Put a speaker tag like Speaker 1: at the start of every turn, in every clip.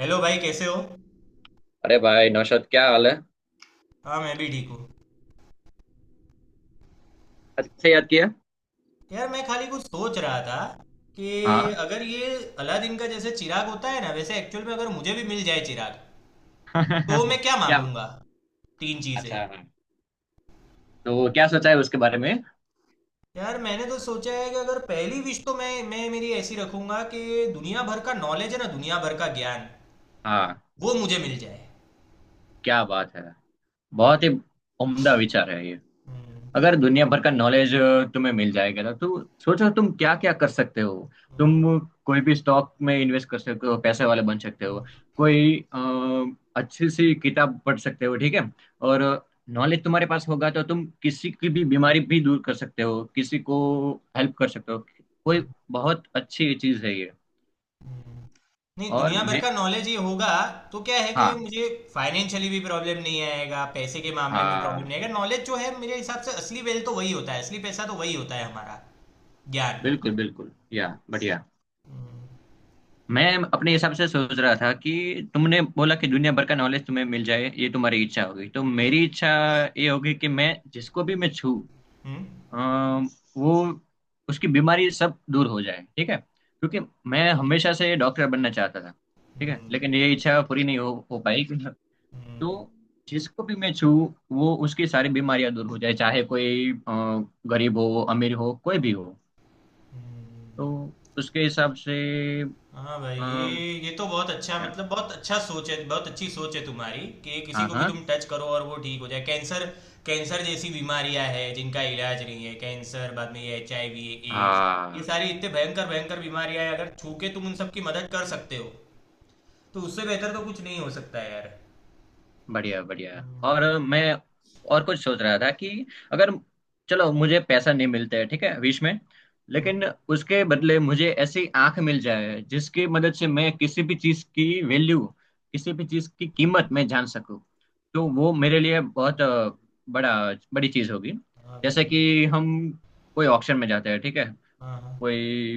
Speaker 1: Hello भाई, कैसे हो?
Speaker 2: अरे भाई नौशाद, क्या हाल है।
Speaker 1: हाँ, मैं भी ठीक हूँ।
Speaker 2: आज कैसे याद किया?
Speaker 1: यार, मैं खाली कुछ सोच रहा था कि
Speaker 2: हाँ।
Speaker 1: अगर ये अलादीन का जैसे चिराग होता है ना, वैसे एक्चुअल में अगर मुझे भी मिल जाए चिराग तो मैं क्या
Speaker 2: क्या?
Speaker 1: मांगूंगा। तीन चीज़ें।
Speaker 2: अच्छा हाँ। तो क्या सोचा है उसके बारे में?
Speaker 1: यार, मैंने तो सोचा है कि अगर पहली विश तो मैं मेरी ऐसी रखूंगा कि दुनिया भर का नॉलेज है ना, दुनिया भर का ज्ञान
Speaker 2: हाँ।
Speaker 1: वो मुझे मिल जाए।
Speaker 2: क्या बात है, बहुत ही उम्दा विचार है ये।
Speaker 1: हम्म।
Speaker 2: अगर दुनिया भर का नॉलेज तुम्हें मिल जाएगा ना तो सोचो तुम क्या क्या कर सकते हो।
Speaker 1: हम्म।
Speaker 2: तुम कोई भी स्टॉक में इन्वेस्ट कर सकते हो, पैसे वाले बन सकते हो।
Speaker 1: हम्म।
Speaker 2: कोई अच्छी सी किताब पढ़ सकते हो, ठीक है। और नॉलेज तुम्हारे पास होगा तो तुम किसी की भी बीमारी भी दूर कर सकते हो, किसी को हेल्प कर सकते हो। कोई बहुत अच्छी चीज है ये।
Speaker 1: हुँ। नहीं,
Speaker 2: और
Speaker 1: दुनिया भर
Speaker 2: मैं।
Speaker 1: का नॉलेज ये होगा तो क्या है कि
Speaker 2: हाँ
Speaker 1: मुझे फाइनेंशियली भी प्रॉब्लम नहीं आएगा, पैसे के मामले में प्रॉब्लम
Speaker 2: हाँ।
Speaker 1: नहीं आएगा। नॉलेज जो है मेरे हिसाब से असली वेल्थ तो वही होता है, असली पैसा तो वही होता है हमारा, ज्ञान।
Speaker 2: बिल्कुल बिल्कुल, या बढ़िया। मैं अपने हिसाब से सोच रहा था कि तुमने बोला कि दुनिया भर का नॉलेज तुम्हें मिल जाए, ये तुम्हारी इच्छा होगी। तो
Speaker 1: हुँ,
Speaker 2: मेरी इच्छा ये होगी कि मैं जिसको भी मैं छू
Speaker 1: हुँ,
Speaker 2: अम, वो उसकी बीमारी सब दूर हो जाए, ठीक है। क्योंकि मैं हमेशा से डॉक्टर बनना चाहता था, ठीक है। लेकिन ये
Speaker 1: हुँ,
Speaker 2: इच्छा पूरी नहीं हो पाई।
Speaker 1: हुँ,
Speaker 2: तो जिसको भी मैं छू वो उसकी सारी बीमारियां दूर हो जाए, चाहे कोई गरीब हो, अमीर हो, कोई भी हो।
Speaker 1: हुँ, हुँ।
Speaker 2: तो उसके हिसाब से।
Speaker 1: हाँ भाई,
Speaker 2: अम,
Speaker 1: ये तो बहुत अच्छा,
Speaker 2: क्या?
Speaker 1: मतलब बहुत अच्छा सोच है, बहुत अच्छी सोच है तुम्हारी कि किसी
Speaker 2: हाँ
Speaker 1: को भी
Speaker 2: हाँ
Speaker 1: तुम टच करो और वो ठीक हो जाए। कैंसर, कैंसर जैसी बीमारियां हैं जिनका इलाज नहीं है, कैंसर, बाद में ये HIV, एड्स, ये
Speaker 2: हाँ।
Speaker 1: सारी इतने भयंकर भयंकर बीमारियां हैं। अगर छू के तुम उन सब की मदद कर सकते हो तो उससे बेहतर तो कुछ नहीं हो सकता है यार।
Speaker 2: बढ़िया बढ़िया। और
Speaker 1: हम्म।
Speaker 2: मैं और कुछ सोच रहा था कि अगर, चलो, मुझे पैसा नहीं मिलता है, ठीक है, विश में,
Speaker 1: हम्म।
Speaker 2: लेकिन उसके बदले मुझे ऐसी आंख मिल जाए जिसकी मदद से मैं किसी भी चीज की वैल्यू, किसी भी चीज की कीमत मैं जान सकूं। तो वो मेरे लिए
Speaker 1: हाँ,
Speaker 2: बहुत बड़ा बड़ी चीज होगी।
Speaker 1: हाँ, हाँ
Speaker 2: जैसे
Speaker 1: भाई।
Speaker 2: कि हम कोई ऑक्शन में जाते हैं, ठीक है।
Speaker 1: हाँ, हाँ,
Speaker 2: कोई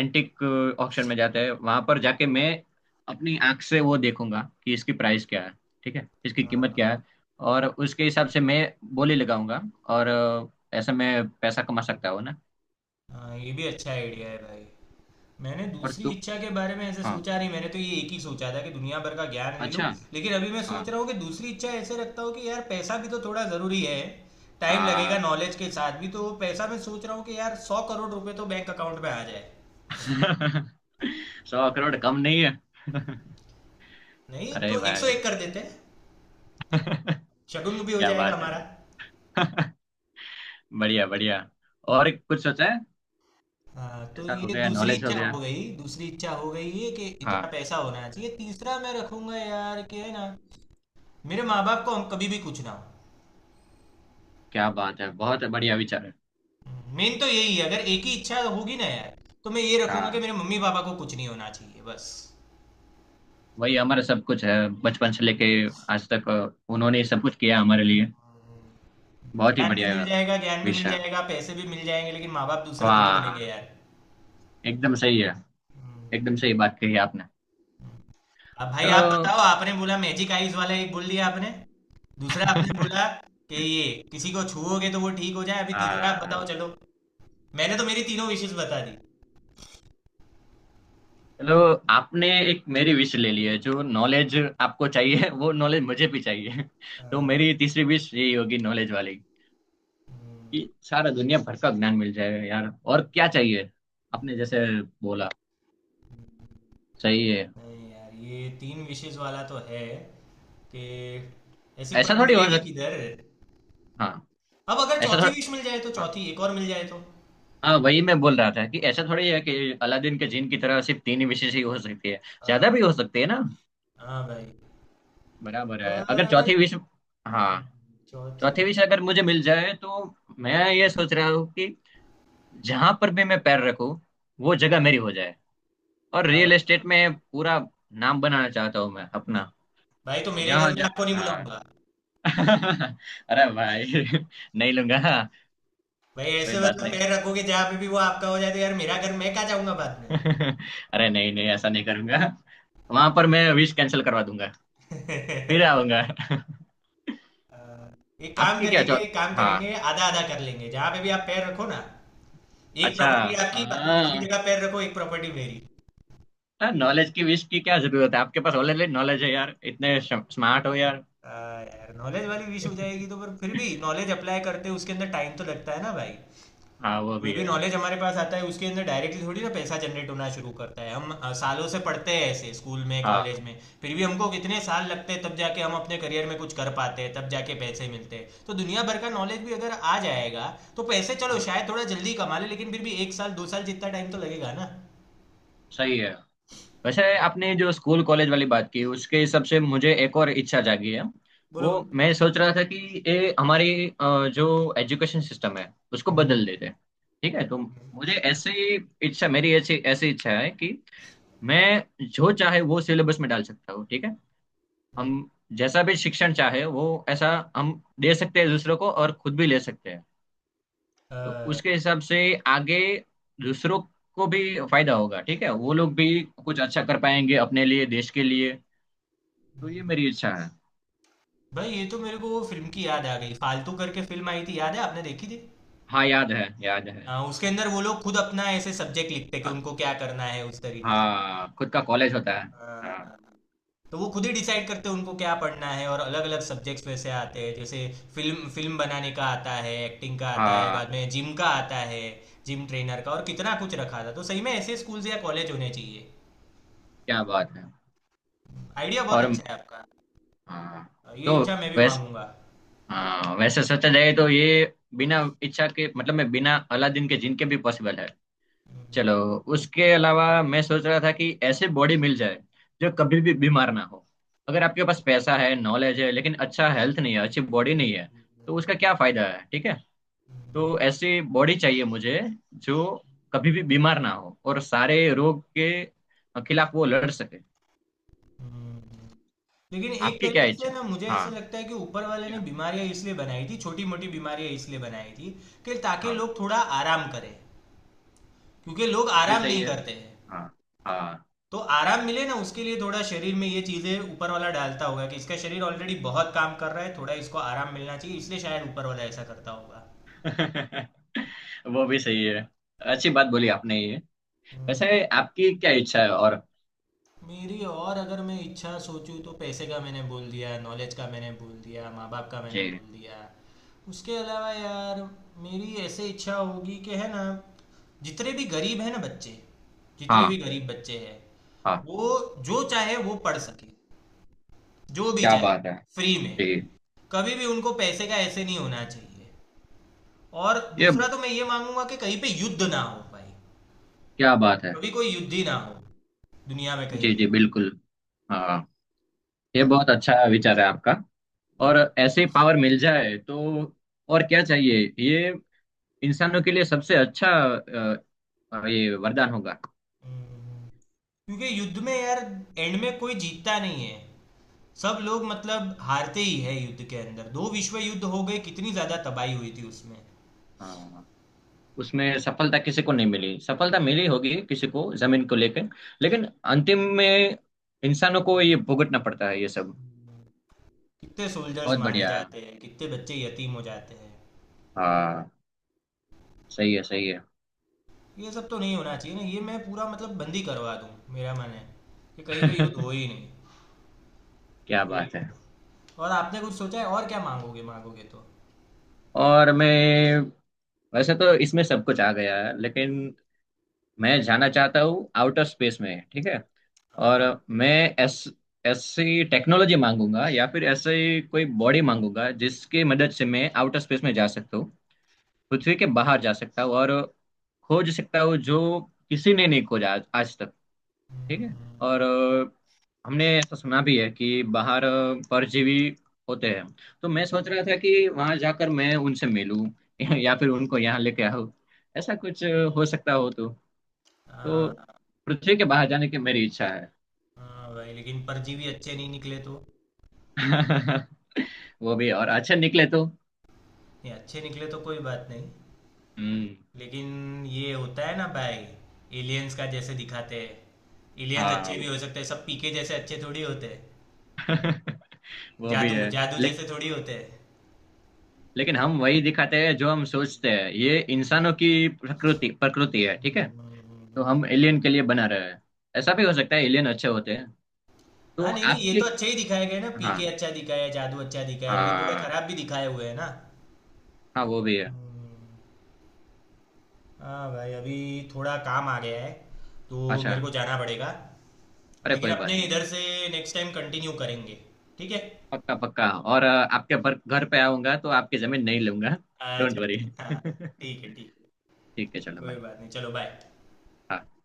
Speaker 2: एंटिक ऑक्शन में जाते हैं, वहां पर जाके मैं अपनी आंख से वो देखूंगा कि इसकी प्राइस क्या है, ठीक है, इसकी कीमत
Speaker 1: हाँ,
Speaker 2: क्या है। और उसके हिसाब से मैं बोली लगाऊंगा, और ऐसे मैं पैसा कमा सकता हूँ ना।
Speaker 1: हाँ, ये भी अच्छा आइडिया है भाई। मैंने
Speaker 2: और
Speaker 1: दूसरी
Speaker 2: तू
Speaker 1: इच्छा के बारे में ऐसे
Speaker 2: हाँ।
Speaker 1: सोचा नहीं, मैंने तो ये एक ही सोचा था कि दुनिया भर का ज्ञान ले लूँ।
Speaker 2: अच्छा।
Speaker 1: लेकिन अभी मैं
Speaker 2: हाँ
Speaker 1: सोच रहा हूँ कि दूसरी इच्छा ऐसे रखता हूँ कि यार, पैसा भी तो थोड़ा ज़रूरी है। टाइम लगेगा
Speaker 2: हाँ।
Speaker 1: नॉलेज के साथ भी, तो पैसा, मैं सोच रहा हूँ कि यार 100 करोड़ रुपए तो बैंक अकाउंट में आ जाए।
Speaker 2: 100 करोड़
Speaker 1: हाँ,
Speaker 2: कम नहीं है।
Speaker 1: नहीं
Speaker 2: अरे
Speaker 1: तो एक सौ
Speaker 2: भाई।
Speaker 1: एक कर देते हैं, शगुन भी हो
Speaker 2: क्या
Speaker 1: जाएगा
Speaker 2: बात है
Speaker 1: हमारा।
Speaker 2: यार। बढ़िया बढ़िया। और कुछ सोचा है?
Speaker 1: हाँ, तो
Speaker 2: ऐसा हो
Speaker 1: ये
Speaker 2: गया,
Speaker 1: दूसरी
Speaker 2: नॉलेज हो
Speaker 1: इच्छा हो
Speaker 2: गया।
Speaker 1: गई, दूसरी इच्छा हो गई ये कि
Speaker 2: हाँ।
Speaker 1: इतना पैसा होना चाहिए। तीसरा मैं रखूंगा यार, कि है ना, मेरे माँ बाप को हम कभी भी कुछ ना हो।
Speaker 2: क्या बात है, बहुत बढ़िया विचार है।
Speaker 1: मेन तो यही है, अगर एक ही इच्छा होगी ना यार, तो मैं ये रखूंगा कि
Speaker 2: हाँ,
Speaker 1: मेरे मम्मी पापा को कुछ नहीं होना चाहिए बस।
Speaker 2: वही हमारा सब कुछ है।
Speaker 1: हम्म।
Speaker 2: बचपन से लेके आज तक उन्होंने ही सब कुछ किया हमारे लिए। बहुत ही
Speaker 1: ज्ञान भी
Speaker 2: बढ़िया।
Speaker 1: मिल जाएगा, ज्ञान भी मिल
Speaker 2: विषय।
Speaker 1: जाएगा, पैसे भी मिल जाएंगे, लेकिन माँ बाप दूसरे थोड़ी मिलेंगे
Speaker 2: वाह,
Speaker 1: यार।
Speaker 2: एकदम सही है।
Speaker 1: हम्म।
Speaker 2: एकदम सही बात कही आपने।
Speaker 1: अब भाई आप
Speaker 2: चलो।
Speaker 1: बताओ, आपने बोला मैजिक आईज वाला, एक बोल दिया आपने। दूसरा आपने बोला कि ये किसी को छुओगे तो वो ठीक हो जाए। अभी तीसरा आप बताओ
Speaker 2: हाँ,
Speaker 1: चलो। मैंने तो मेरी तीनों विशेष बता दी।
Speaker 2: चलो। आपने एक मेरी विश ले ली है, जो नॉलेज आपको चाहिए वो नॉलेज मुझे भी चाहिए। तो
Speaker 1: हाँ।
Speaker 2: मेरी तीसरी विश यही होगी, नॉलेज वाली,
Speaker 1: हम्म।
Speaker 2: कि सारा दुनिया भर का ज्ञान मिल जाए यार, और क्या चाहिए। आपने जैसे बोला, सही है।
Speaker 1: नहीं यार, ये तीन विशेष वाला तो है कि ऐसी
Speaker 2: ऐसा
Speaker 1: पर
Speaker 2: थोड़ी हो
Speaker 1: मिलेगी
Speaker 2: सकता।
Speaker 1: किधर।
Speaker 2: हाँ,
Speaker 1: अब अगर
Speaker 2: ऐसा
Speaker 1: चौथी
Speaker 2: थोड़ा।
Speaker 1: विश मिल जाए तो, चौथी एक और मिल जाए तो।
Speaker 2: हाँ, वही मैं बोल रहा था कि ऐसा थोड़ी है कि अलादीन के जिन की तरह सिर्फ तीन ही विशेष ही हो सकती है, ज्यादा
Speaker 1: हाँ,
Speaker 2: भी हो सकती है ना।
Speaker 1: हाँ भाई।
Speaker 2: बराबर है,
Speaker 1: पर
Speaker 2: अगर
Speaker 1: अगर
Speaker 2: चौथी विश। हाँ,
Speaker 1: चौथी,
Speaker 2: चौथी विश अगर मुझे मिल जाए तो मैं ये सोच रहा हूँ कि जहां पर भी मैं पैर रखूँ, वो जगह मेरी हो जाए, और
Speaker 1: क्या
Speaker 2: रियल
Speaker 1: बात कर
Speaker 2: एस्टेट
Speaker 1: रहा है?
Speaker 2: में पूरा नाम बनाना चाहता हूँ मैं अपना।
Speaker 1: भाई तो मेरे
Speaker 2: जहाँ
Speaker 1: घर में
Speaker 2: जहाँ।
Speaker 1: आपको नहीं
Speaker 2: हाँ।
Speaker 1: बुलाऊंगा।
Speaker 2: अरे भाई, नहीं लूंगा,
Speaker 1: भाई,
Speaker 2: कोई
Speaker 1: ऐसे
Speaker 2: बात
Speaker 1: मतलब
Speaker 2: नहीं।
Speaker 1: पैर रखोगे जहाँ पे भी वो आपका हो जाए, तो यार मेरा घर, मैं कहाँ जाऊंगा बाद में।
Speaker 2: अरे नहीं नहीं, ऐसा नहीं करूंगा, वहां पर मैं विश कैंसिल करवा दूंगा, फिर आऊंगा।
Speaker 1: अ, एक काम
Speaker 2: आपकी क्या,
Speaker 1: करेंगे,
Speaker 2: चौ
Speaker 1: एक काम
Speaker 2: हाँ।
Speaker 1: करेंगे, आधा आधा कर लेंगे, जहाँ पे भी आप पैर रखो ना, एक
Speaker 2: अच्छा।
Speaker 1: प्रॉपर्टी आपकी, बाद में दूसरी जगह पैर रखो, एक प्रॉपर्टी मेरी।
Speaker 2: हाँ, नॉलेज की विश की क्या जरूरत है, आपके पास ऑलरेडी नॉलेज है यार, इतने स्मार्ट हो यार।
Speaker 1: हाँ यार, नॉलेज वाली विश हो जाएगी तो, पर फिर भी नॉलेज अप्लाई करते हैं, उसके अंदर टाइम तो लगता है ना भाई।
Speaker 2: हाँ, वो
Speaker 1: कोई
Speaker 2: भी
Speaker 1: भी
Speaker 2: है।
Speaker 1: नॉलेज हमारे पास आता है, उसके अंदर डायरेक्टली थोड़ी ना पैसा जनरेट होना शुरू करता है। हम सालों से पढ़ते हैं ऐसे, स्कूल में, कॉलेज
Speaker 2: हाँ
Speaker 1: में, फिर भी हमको कितने साल लगते हैं तब जाके हम अपने करियर में कुछ कर पाते हैं, तब जाके पैसे मिलते हैं। तो दुनिया भर का नॉलेज भी अगर आ जाएगा तो पैसे चलो
Speaker 2: हाँ।
Speaker 1: शायद थोड़ा जल्दी कमा ले, लेकिन फिर भी एक साल दो साल जितना टाइम तो लगेगा ना।
Speaker 2: सही है। वैसे आपने जो स्कूल कॉलेज वाली बात की, उसके हिसाब से मुझे एक और इच्छा जागी है।
Speaker 1: बोलो
Speaker 2: वो
Speaker 1: बोलो।
Speaker 2: मैं सोच रहा था कि ये हमारी जो एजुकेशन सिस्टम है, उसको
Speaker 1: हम्म।
Speaker 2: बदल देते, ठीक है। तो
Speaker 1: हम्म।
Speaker 2: मुझे ऐसी इच्छा, मेरी ऐसी ऐसी इच्छा है कि मैं जो चाहे वो सिलेबस में डाल सकता हूँ, ठीक है।
Speaker 1: हम्म।
Speaker 2: हम जैसा भी शिक्षण चाहे, वो ऐसा हम दे सकते हैं दूसरों को और खुद भी ले सकते हैं। तो
Speaker 1: आ,
Speaker 2: उसके हिसाब से आगे दूसरों को भी फायदा होगा, ठीक है, वो लोग भी कुछ अच्छा कर पाएंगे अपने लिए, देश के लिए। तो ये मेरी इच्छा है।
Speaker 1: भाई, ये तो मेरे को वो फिल्म की याद आ गई, फालतू करके फिल्म आई थी याद है, आपने देखी थी?
Speaker 2: हाँ याद है, याद है।
Speaker 1: हाँ, उसके अंदर वो लोग खुद अपना ऐसे सब्जेक्ट लिखते कि
Speaker 2: अ-
Speaker 1: उनको क्या करना है उस तरीके से।
Speaker 2: हाँ, खुद का कॉलेज होता है।
Speaker 1: हाँ, हाँ,
Speaker 2: हाँ
Speaker 1: हाँ। तो वो खुद ही डिसाइड करते हैं उनको क्या पढ़ना है, और अलग अलग सब्जेक्ट्स वैसे आते हैं जैसे फिल्म फिल्म बनाने का आता है, एक्टिंग का आता है, बाद
Speaker 2: हाँ।
Speaker 1: में जिम का आता है, जिम ट्रेनर का, और कितना कुछ रखा था। तो सही में ऐसे स्कूल्स या कॉलेज होने चाहिए।
Speaker 2: क्या बात है।
Speaker 1: आइडिया बहुत
Speaker 2: और
Speaker 1: अच्छा है आपका।
Speaker 2: हाँ।
Speaker 1: ये
Speaker 2: तो
Speaker 1: इच्छा मैं भी
Speaker 2: वैस
Speaker 1: मांगूंगा।
Speaker 2: हाँ, वैसे सोचा जाए तो ये बिना इच्छा के, मतलब मैं बिना अलादीन के जिनके भी पॉसिबल है। चलो। उसके अलावा मैं सोच रहा था कि ऐसे बॉडी मिल जाए जो कभी भी बीमार ना हो। अगर आपके पास पैसा है, नॉलेज है, लेकिन अच्छा हेल्थ नहीं है, अच्छी बॉडी नहीं है, तो उसका क्या फायदा है, ठीक है। तो ऐसी बॉडी चाहिए मुझे जो कभी भी बीमार ना हो और सारे रोग के खिलाफ वो लड़ सके।
Speaker 1: हम्म। लेकिन एक
Speaker 2: आपकी क्या
Speaker 1: तरीके
Speaker 2: इच्छा
Speaker 1: से
Speaker 2: है?
Speaker 1: ना, मुझे
Speaker 2: हाँ।
Speaker 1: ऐसा लगता है कि ऊपर वाले ने
Speaker 2: क्या?
Speaker 1: बीमारियां इसलिए बनाई थी, छोटी मोटी बीमारियां इसलिए बनाई थी कि ताकि
Speaker 2: हाँ,
Speaker 1: लोग थोड़ा आराम करें, क्योंकि लोग
Speaker 2: वो भी
Speaker 1: आराम
Speaker 2: सही
Speaker 1: नहीं
Speaker 2: है।
Speaker 1: करते हैं।
Speaker 2: हाँ हाँ।
Speaker 1: तो आराम मिले ना, उसके लिए थोड़ा शरीर में ये चीजें ऊपर वाला डालता होगा कि इसका शरीर ऑलरेडी बहुत काम कर रहा है, थोड़ा इसको आराम मिलना चाहिए, इसलिए शायद ऊपर वाला ऐसा करता होगा।
Speaker 2: वो भी सही है। अच्छी बात बोली आपने ये। वैसे आपकी क्या इच्छा है और?
Speaker 1: मेरी और अगर मैं इच्छा सोचूँ तो पैसे का मैंने बोल दिया, नॉलेज का मैंने बोल दिया, माँ बाप का मैंने
Speaker 2: जी।
Speaker 1: बोल दिया। उसके अलावा यार, मेरी ऐसे इच्छा होगी कि, है ना, जितने भी गरीब हैं ना बच्चे, जितने भी
Speaker 2: हाँ
Speaker 1: गरीब बच्चे हैं
Speaker 2: हाँ।
Speaker 1: वो जो चाहे वो पढ़ सके, जो भी
Speaker 2: क्या
Speaker 1: चाहे,
Speaker 2: बात है।
Speaker 1: फ्री में,
Speaker 2: जी।
Speaker 1: कभी भी उनको पैसे का ऐसे नहीं होना चाहिए। और
Speaker 2: ये
Speaker 1: दूसरा तो मैं ये मांगूंगा कि कहीं पे युद्ध ना हो भाई,
Speaker 2: क्या बात है।
Speaker 1: कभी कोई युद्ध ही ना हो दुनिया में कहीं
Speaker 2: जी जी,
Speaker 1: पे।
Speaker 2: बिल्कुल। हाँ, ये बहुत अच्छा विचार है आपका। और ऐसे पावर मिल जाए तो और क्या चाहिए, ये इंसानों के लिए सबसे अच्छा ये वरदान होगा।
Speaker 1: हम्म। क्योंकि युद्ध में यार, एंड में कोई जीतता नहीं है, सब लोग मतलब हारते ही है युद्ध के अंदर। दो विश्व युद्ध हो गए, कितनी ज्यादा तबाही हुई थी उसमें।
Speaker 2: हाँ, उसमें सफलता किसी को नहीं मिली, सफलता मिली होगी किसी को जमीन को लेकर, लेकिन अंतिम में इंसानों को ये भुगतना पड़ता है ये सब।
Speaker 1: कितने सोल्जर्स
Speaker 2: बहुत
Speaker 1: मारे
Speaker 2: बढ़िया है।
Speaker 1: जाते हैं, कितने बच्चे यतीम हो जाते हैं।
Speaker 2: हाँ, सही है सही है।
Speaker 1: ये सब तो नहीं होना चाहिए ना, ये मैं पूरा मतलब बंदी करवा दूं, मेरा मन है कि कहीं पे युद्ध हो ही नहीं,
Speaker 2: क्या
Speaker 1: ये
Speaker 2: बात
Speaker 1: हो।
Speaker 2: है।
Speaker 1: और आपने कुछ सोचा है, और क्या मांगोगे मांगोगे तो?
Speaker 2: और मैं, वैसे तो इसमें सब कुछ आ गया है, लेकिन मैं जाना चाहता हूँ आउटर स्पेस में, ठीक है। और मैं ऐस ऐसी टेक्नोलॉजी मांगूंगा या फिर ऐसी कोई बॉडी मांगूंगा जिसकी मदद से मैं आउटर स्पेस में जा सकता हूँ, पृथ्वी के बाहर जा सकता हूँ और खोज सकता हूँ जो किसी ने नहीं खोजा आज आज तक, ठीक है।
Speaker 1: हम्म।
Speaker 2: और हमने ऐसा सुना भी है कि बाहर परजीवी होते हैं, तो मैं सोच रहा था कि वहां जाकर मैं उनसे मिलूं, या फिर उनको यहाँ लेके आऊं, ऐसा कुछ हो सकता हो तो। तो
Speaker 1: हाँ,
Speaker 2: पृथ्वी के बाहर जाने की मेरी इच्छा है।
Speaker 1: हाँ भाई, लेकिन परजीवी अच्छे नहीं निकले तो?
Speaker 2: वो भी, और अच्छे निकले तो।
Speaker 1: ये अच्छे निकले तो कोई बात नहीं।
Speaker 2: हम्म।
Speaker 1: लेकिन ये होता है ना भाई, एलियंस का जैसे दिखाते हैं, एलियंस
Speaker 2: हाँ,
Speaker 1: अच्छे भी हो सकते हैं, सब पीके जैसे अच्छे थोड़ी होते हैं,
Speaker 2: वो भी
Speaker 1: जादू
Speaker 2: है।
Speaker 1: जादू
Speaker 2: ले,
Speaker 1: जैसे थोड़ी होते हैं।
Speaker 2: लेकिन हम वही दिखाते हैं जो हम सोचते हैं, ये इंसानों की प्रकृति प्रकृति है, ठीक है। तो हम एलियन के लिए बना रहे हैं, ऐसा भी हो सकता है एलियन अच्छे होते हैं। तो
Speaker 1: हाँ, नहीं नहीं, ये तो
Speaker 2: आपके।
Speaker 1: अच्छे ही दिखाए गए ना, पीके
Speaker 2: हाँ
Speaker 1: अच्छा दिखाया है, जादू अच्छा दिखाया है, लेकिन थोड़े
Speaker 2: हाँ।
Speaker 1: खराब भी दिखाए हुए हैं ना।
Speaker 2: हाँ, वो भी है।
Speaker 1: हाँ भाई, अभी थोड़ा काम आ गया है तो
Speaker 2: अच्छा।
Speaker 1: मेरे को जाना पड़ेगा,
Speaker 2: अरे
Speaker 1: लेकिन
Speaker 2: कोई
Speaker 1: अपने
Speaker 2: बात नहीं।
Speaker 1: इधर से नेक्स्ट टाइम कंटिन्यू करेंगे, ठीक है।
Speaker 2: पक्का पक्का। और आपके पर घर पे आऊंगा तो आपकी जमीन नहीं लूंगा। डोंट
Speaker 1: अच्छा,
Speaker 2: वरी।
Speaker 1: अच्छा हाँ। ठीक है, ठीक है।
Speaker 2: ठीक है, चलो
Speaker 1: कोई
Speaker 2: भाई।
Speaker 1: बात नहीं, चलो बाय।
Speaker 2: हाँ।